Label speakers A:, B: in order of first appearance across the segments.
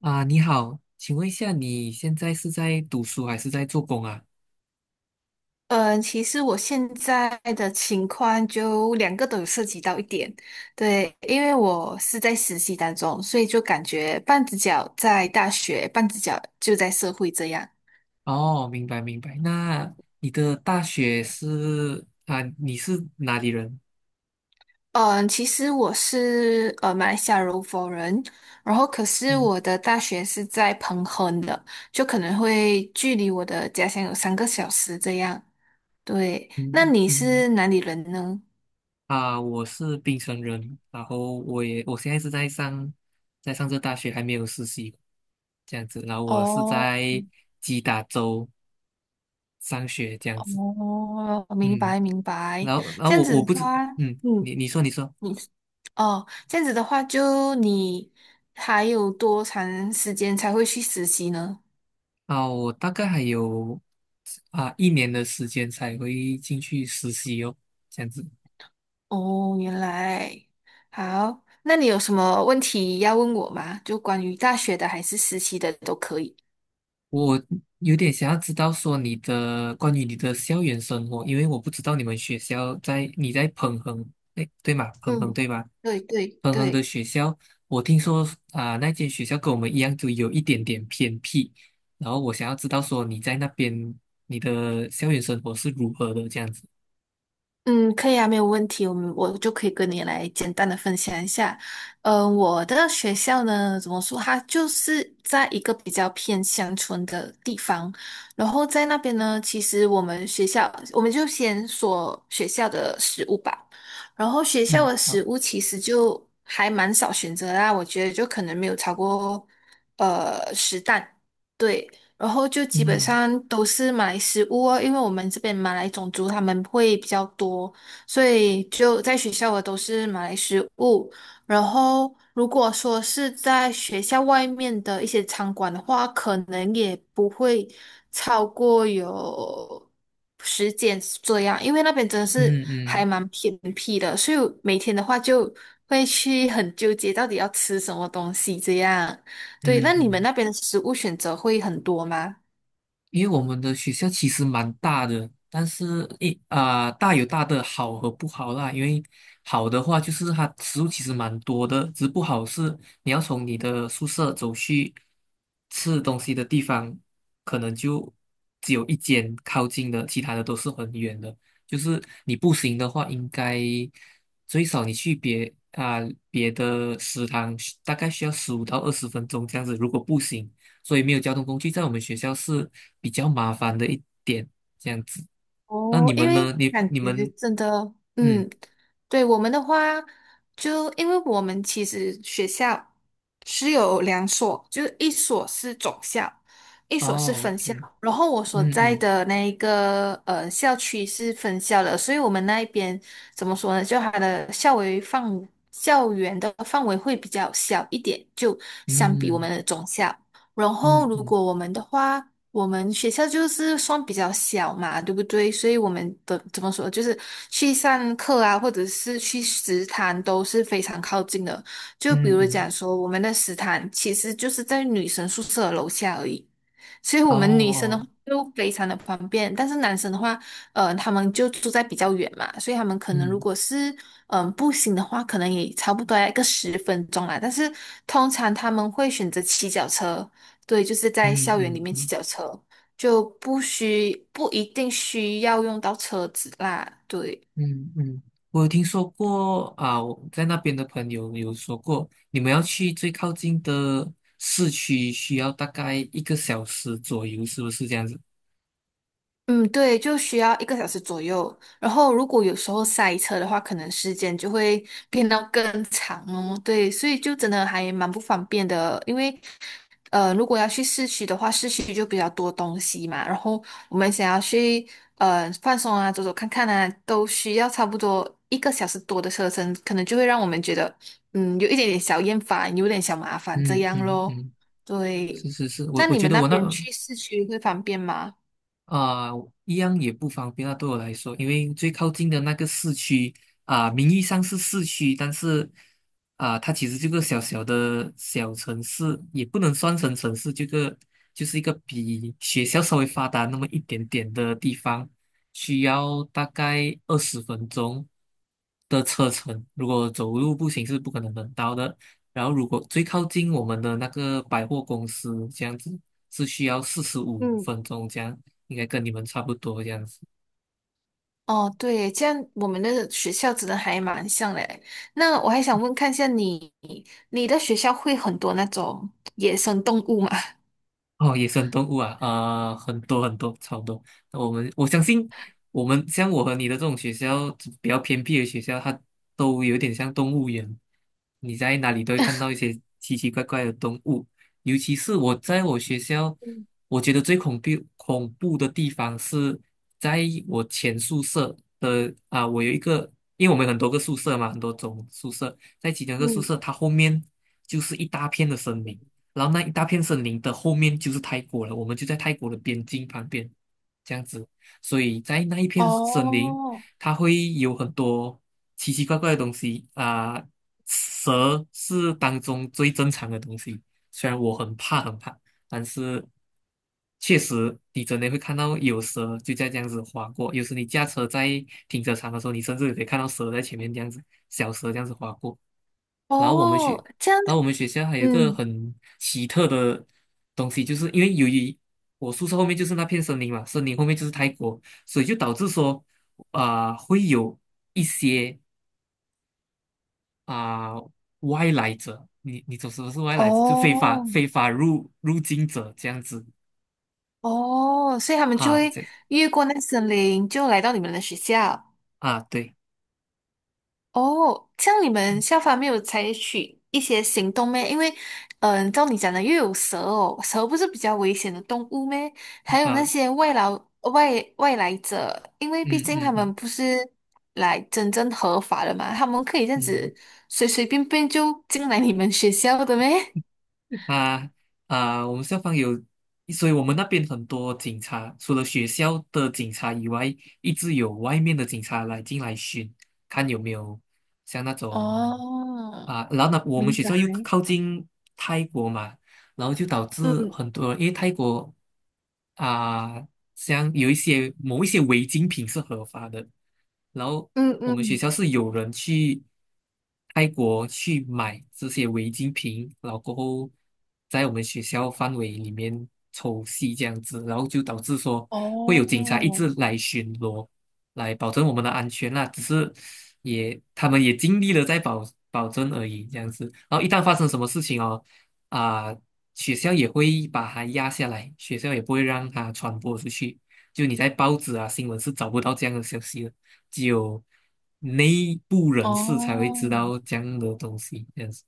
A: 啊，你好，请问一下，你现在是在读书还是在做工啊？
B: 嗯，其实我现在的情况就两个都有涉及到一点，对，因为我是在实习当中，所以就感觉半只脚在大学，半只脚就在社会这样。
A: 哦，明白明白。那你的大学是啊，你是哪里人？
B: 嗯，其实我是马来西亚柔佛人，然后可是
A: 嗯
B: 我的大学是在彭亨的，就可能会距离我的家乡有3个小时这样。对，那
A: 嗯
B: 你
A: 嗯。
B: 是哪里人呢？
A: 啊，我是槟城人，然后我现在是在上这大学，还没有实习，这样子。然后我是
B: 哦。
A: 在吉达州上学，这样子。
B: 哦，明
A: 嗯，
B: 白明白，
A: 然后
B: 这样
A: 我
B: 子
A: 不
B: 的
A: 知，
B: 话，
A: 嗯，
B: 嗯，
A: 你说。
B: 你哦，这样子的话，就你还有多长时间才会去实习呢？
A: 啊，我大概还有一年的时间才会进去实习哦，这样子。
B: 哦，原来好，那你有什么问题要问我吗？就关于大学的还是实习的都可以。
A: 我有点想要知道说关于你的校园生活，因为我不知道你们学校在彭恒。哎，对吗？彭恒
B: 嗯，
A: 对吧？
B: 对对
A: 彭恒的
B: 对。
A: 学校，我听说那间学校跟我们一样，就有一点点偏僻。然后我想要知道说你在那边你的校园生活是如何的这样子。
B: 嗯，可以啊，没有问题。我就可以跟你来简单的分享一下。我的学校呢，怎么说，它就是在一个比较偏乡村的地方。然后在那边呢，其实我们学校，我们就先说学校的食物吧。然后学校
A: 嗯，
B: 的
A: 好，
B: 食物其实就还蛮少选择啦，我觉得就可能没有超过10档。对，然后就基本
A: 嗯
B: 上都是马来食物哦，因为我们这边马来种族他们会比较多，所以就在学校的都是马来食物。然后如果说是在学校外面的一些餐馆的话，可能也不会超过有10间这样，因为那边真的是
A: 嗯
B: 还
A: 嗯
B: 蛮偏僻的，所以每天的话就会去很纠结到底要吃什么东西这样。对，
A: 嗯
B: 那你们
A: 嗯。
B: 那边的食物选择会很多吗？
A: 因为我们的学校其实蛮大的，但是大有大的好和不好啦。因为好的话就是它食物其实蛮多的，只不好是你要从你的宿舍走去吃东西的地方，可能就只有一间靠近的，其他的都是很远的。就是你步行的话，应该最少你去别的食堂，大概需要15到20分钟这样子，如果步行。所以没有交通工具在我们学校是比较麻烦的一点，这样子。那你
B: 哦，因
A: 们
B: 为
A: 呢？你
B: 感
A: 你
B: 觉
A: 们
B: 真的，
A: 嗯
B: 嗯，对我们的话，就因为我们其实学校是有2所，就是一所是总校，一所是
A: 哦
B: 分
A: ，OK。
B: 校。然后我所
A: 嗯
B: 在
A: 嗯
B: 的那一个校区是分校的，所以我们那一边怎么说呢？就它的校园的范围会比较小一点，就相比我们
A: 嗯
B: 的总校。然后，
A: 嗯
B: 如
A: 嗯
B: 果我们的话，我们学校就是算比较小嘛，对不对？所以我们的怎么说，就是去上课啊，或者是去食堂都是非常靠近的。就比
A: 嗯
B: 如
A: 嗯。
B: 讲说，我们的食堂其实就是在女生宿舍的楼下而已，所以我
A: 哦
B: 们女生的话
A: 哦。
B: 就非常的方便。但是男生的话，他们就住在比较远嘛，所以他们可能如
A: 嗯
B: 果是步行的话，可能也差不多要1个10分钟啦。但是通常他们会选择骑脚车。对，就是在
A: 嗯
B: 校园里
A: 嗯
B: 面骑
A: 嗯
B: 脚车，就不一定需要用到车子啦。对，
A: 嗯嗯，我有听说过啊，我在那边的朋友有说过，你们要去最靠近的市区需要大概一个小时左右，是不是这样子？
B: 嗯，对，就需要一个小时左右。然后如果有时候塞车的话，可能时间就会变到更长哦。对，所以就真的还蛮不方便的，因为如果要去市区的话，市区就比较多东西嘛。然后我们想要去放松啊，走走看看啊，都需要差不多1个小时多的车程，可能就会让我们觉得嗯有一点点小厌烦，有点小麻烦这
A: 嗯
B: 样
A: 嗯
B: 咯。
A: 嗯，
B: 对，
A: 是是是，我
B: 那
A: 我
B: 你
A: 觉
B: 们
A: 得
B: 那边去市区会方便吗？
A: 啊、一样也不方便啊，对我来说，因为最靠近的那个市区名义上是市区，但是它其实这个小小的小城市，也不能算成城市，这个就是一个比学校稍微发达那么一点点的地方，需要大概二十分钟的车程，如果走路步行是不可能能到的。然后，如果最靠近我们的那个百货公司这样子，是需要四十五
B: 嗯。
A: 分钟这样，应该跟你们差不多这样子。
B: 哦，对，这样我们的学校真的还蛮像嘞。那我还想问看一下你，你的学校会很多那种野生动物吗？
A: 哦，野生动物啊，很多很多，超多。那我相信，我们像我和你的这种学校，比较偏僻的学校，它都有点像动物园。你在哪里都会看到一些奇奇怪怪的动物，尤其是我在我学校，
B: 嗯
A: 我觉得最恐怖的地方是在我前宿舍的啊，我有一个，因为我们有很多个宿舍嘛，很多种宿舍，在其中一个宿舍，它后面就是一大片的森林。然后那一大片森林的后面就是泰国了，我们就在泰国的边境旁边，这样子，所以在那一 片森林，
B: 哦
A: 它会有很多奇奇怪怪的东西蛇是当中最正常的东西，虽然我很怕很怕，但是确实你真的会看到有蛇就在这样子划过，有时你驾车在停车场的时候，你甚至可以看到蛇在前面这样子，小蛇这样子划过。然后我们去，
B: 哦，这样，
A: 然后我们学校还有一个
B: 嗯，
A: 很奇特的东西，就是因为由于我宿舍后面就是那片森林嘛，森林后面就是泰国，所以就导致说会有一些啊、外来者。你懂什么是外来者？就非法
B: 哦
A: 非法入境者这样子。
B: 哦，所以他们就
A: 哈，
B: 会
A: 这样
B: 越过那森林，就来到你们的学校。
A: 啊对。
B: 哦，像你们
A: 嗯
B: 校方没有采取一些行动咩？因为，照你讲的，又有蛇哦，蛇不是比较危险的动物咩？还有那
A: 啊
B: 些外劳、外来者，因为毕
A: 嗯
B: 竟
A: 嗯
B: 他们
A: 嗯
B: 不是来真正合法的嘛，他们可以这样
A: 嗯。
B: 子随随便便就进来你们学校的咩？
A: 啊我们校方有，所以我们那边很多警察，除了学校的警察以外，一直有外面的警察来进来巡，看有没有像那种
B: 哦，
A: 然后呢，我们
B: 明
A: 学
B: 白。
A: 校又靠近泰国嘛，然后就导致
B: 嗯
A: 很多，因为泰国啊，像有某一些违禁品是合法的，然后
B: 嗯
A: 我们学
B: 嗯，
A: 校是有人去泰国去买这些违禁品，然后过后在我们学校范围里面抽吸这样子，然后就导致说会有
B: 哦
A: 警察一直来巡逻，来保证我们的安全啦。只是他们也尽力了在保证而已，这样子。然后一旦发生什么事情哦，啊、学校也会把它压下来，学校也不会让它传播出去。就你在报纸啊、新闻是找不到这样的消息的，只有内部人士才会知
B: 哦，
A: 道这样的东西，这样子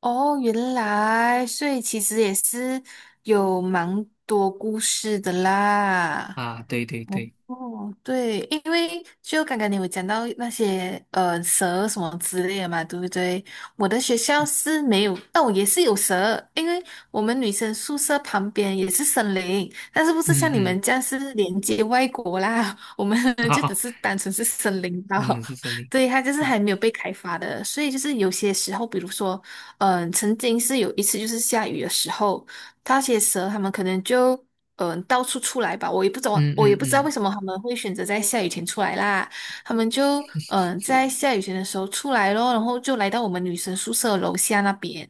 B: 哦，原来，所以其实也是有蛮多故事的啦。
A: 啊。对对
B: 哦，
A: 对。
B: 哦对，因为就刚刚你有讲到那些蛇什么之类的嘛，对不对？我的学校是没有，哦，也是有蛇，因为我们女生宿舍旁边也是森林，但是不是
A: 嗯
B: 像你们
A: 嗯，
B: 这样是连接外国啦，我们 就只
A: 好，
B: 是单纯是森林岛，
A: 嗯是森 林。
B: 对，它就是
A: 嗯
B: 还没有被开发的，所以就是有些时候，比如说，曾经是有1次就是下雨的时候。那些蛇他们可能就到处出来吧，我也不懂，
A: 嗯
B: 我也不知道为
A: 嗯
B: 什么他们会选择在下雨天出来啦。他们就在下雨天的时候出来咯，然后就来到我们女生宿舍楼下那边，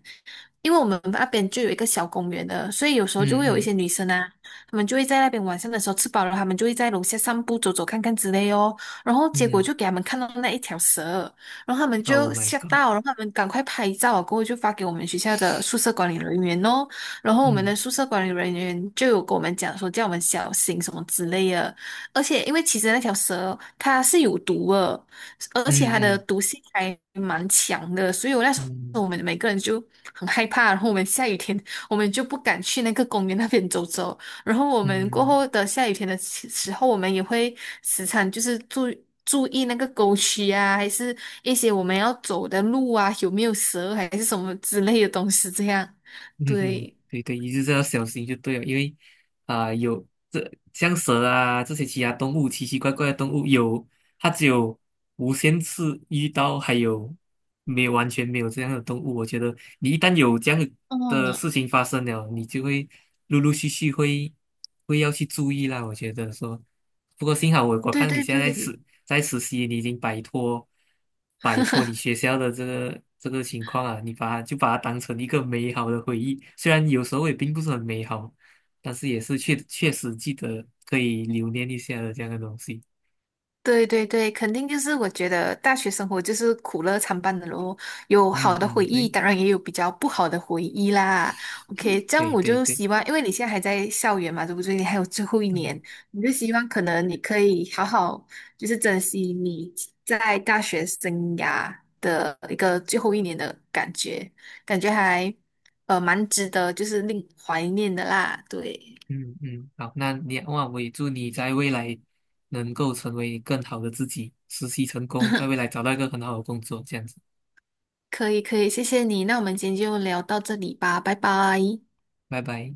B: 因为我们那边就有一个小公园的，所以有时候就
A: 嗯
B: 会有一
A: 嗯
B: 些女生啊，她们就会在那边晚上的时候吃饱了，她们就会在楼下散步、走走看看之类哦。然后结果
A: 嗯
B: 就给他们看到那1条蛇。然后他们
A: ，Oh
B: 就
A: my
B: 吓
A: God。
B: 到，然后他们赶快拍照啊，过后就发给我们学校的宿舍管理人员哦。然后我们
A: 嗯
B: 的宿舍管理人员就有跟我们讲说，叫我们小心什么之类的。而且，因为其实那条蛇它是有毒的，而且
A: 嗯
B: 它的
A: 嗯
B: 毒性还蛮强的，所以我那时
A: 嗯
B: 候我
A: 嗯
B: 们每个人就很害怕。然后我们下雨天，我们就不敢去那个公园那边走走。然后我
A: 嗯。
B: 们过后
A: 嗯
B: 的下雨天的时候，我们也会时常就是注意注意那个沟渠啊，还是一些我们要走的路啊，有没有蛇还是什么之类的东西这样。
A: 嗯哼，
B: 对，
A: 对对，一直要小心就对了，因为有这像蛇啊这些其他动物，奇奇怪怪的动物有，它只有无限次遇到，还有没有完全没有这样的动物。我觉得你一旦有这样的
B: 嗯，
A: 的事情发生了，你就会陆陆续续会要去注意啦。我觉得说，不过幸好我
B: 对
A: 看你
B: 对
A: 现在
B: 对
A: 是在实习，你已经摆脱你学校的这个情况啊，你就把它当成一个美好的回忆，虽然有时候也并不是很美好，但是也是确确实记得可以留念一下的这样的东西。
B: 对对对，肯定就是我觉得大学生活就是苦乐参半的咯，有好
A: 嗯
B: 的回
A: 嗯，
B: 忆，
A: 对
B: 当然也有比较不好的回忆啦。OK，这样
A: 对
B: 我
A: 对
B: 就
A: 对，
B: 希望，因为你现在还在校园嘛，对不对？你还有最后一
A: 嗯
B: 年，我就希望可能你可以好好就是珍惜你在大学生涯的一个最后一年的感觉，感觉还蛮值得，就是令怀念的啦，对。
A: 嗯嗯，好，哇，我也祝你在未来能够成为更好的自己，实习成功，在 未来找到一个很好的工作，这样子，
B: 可以可以，谢谢你。那我们今天就聊到这里吧，拜拜。
A: 拜拜。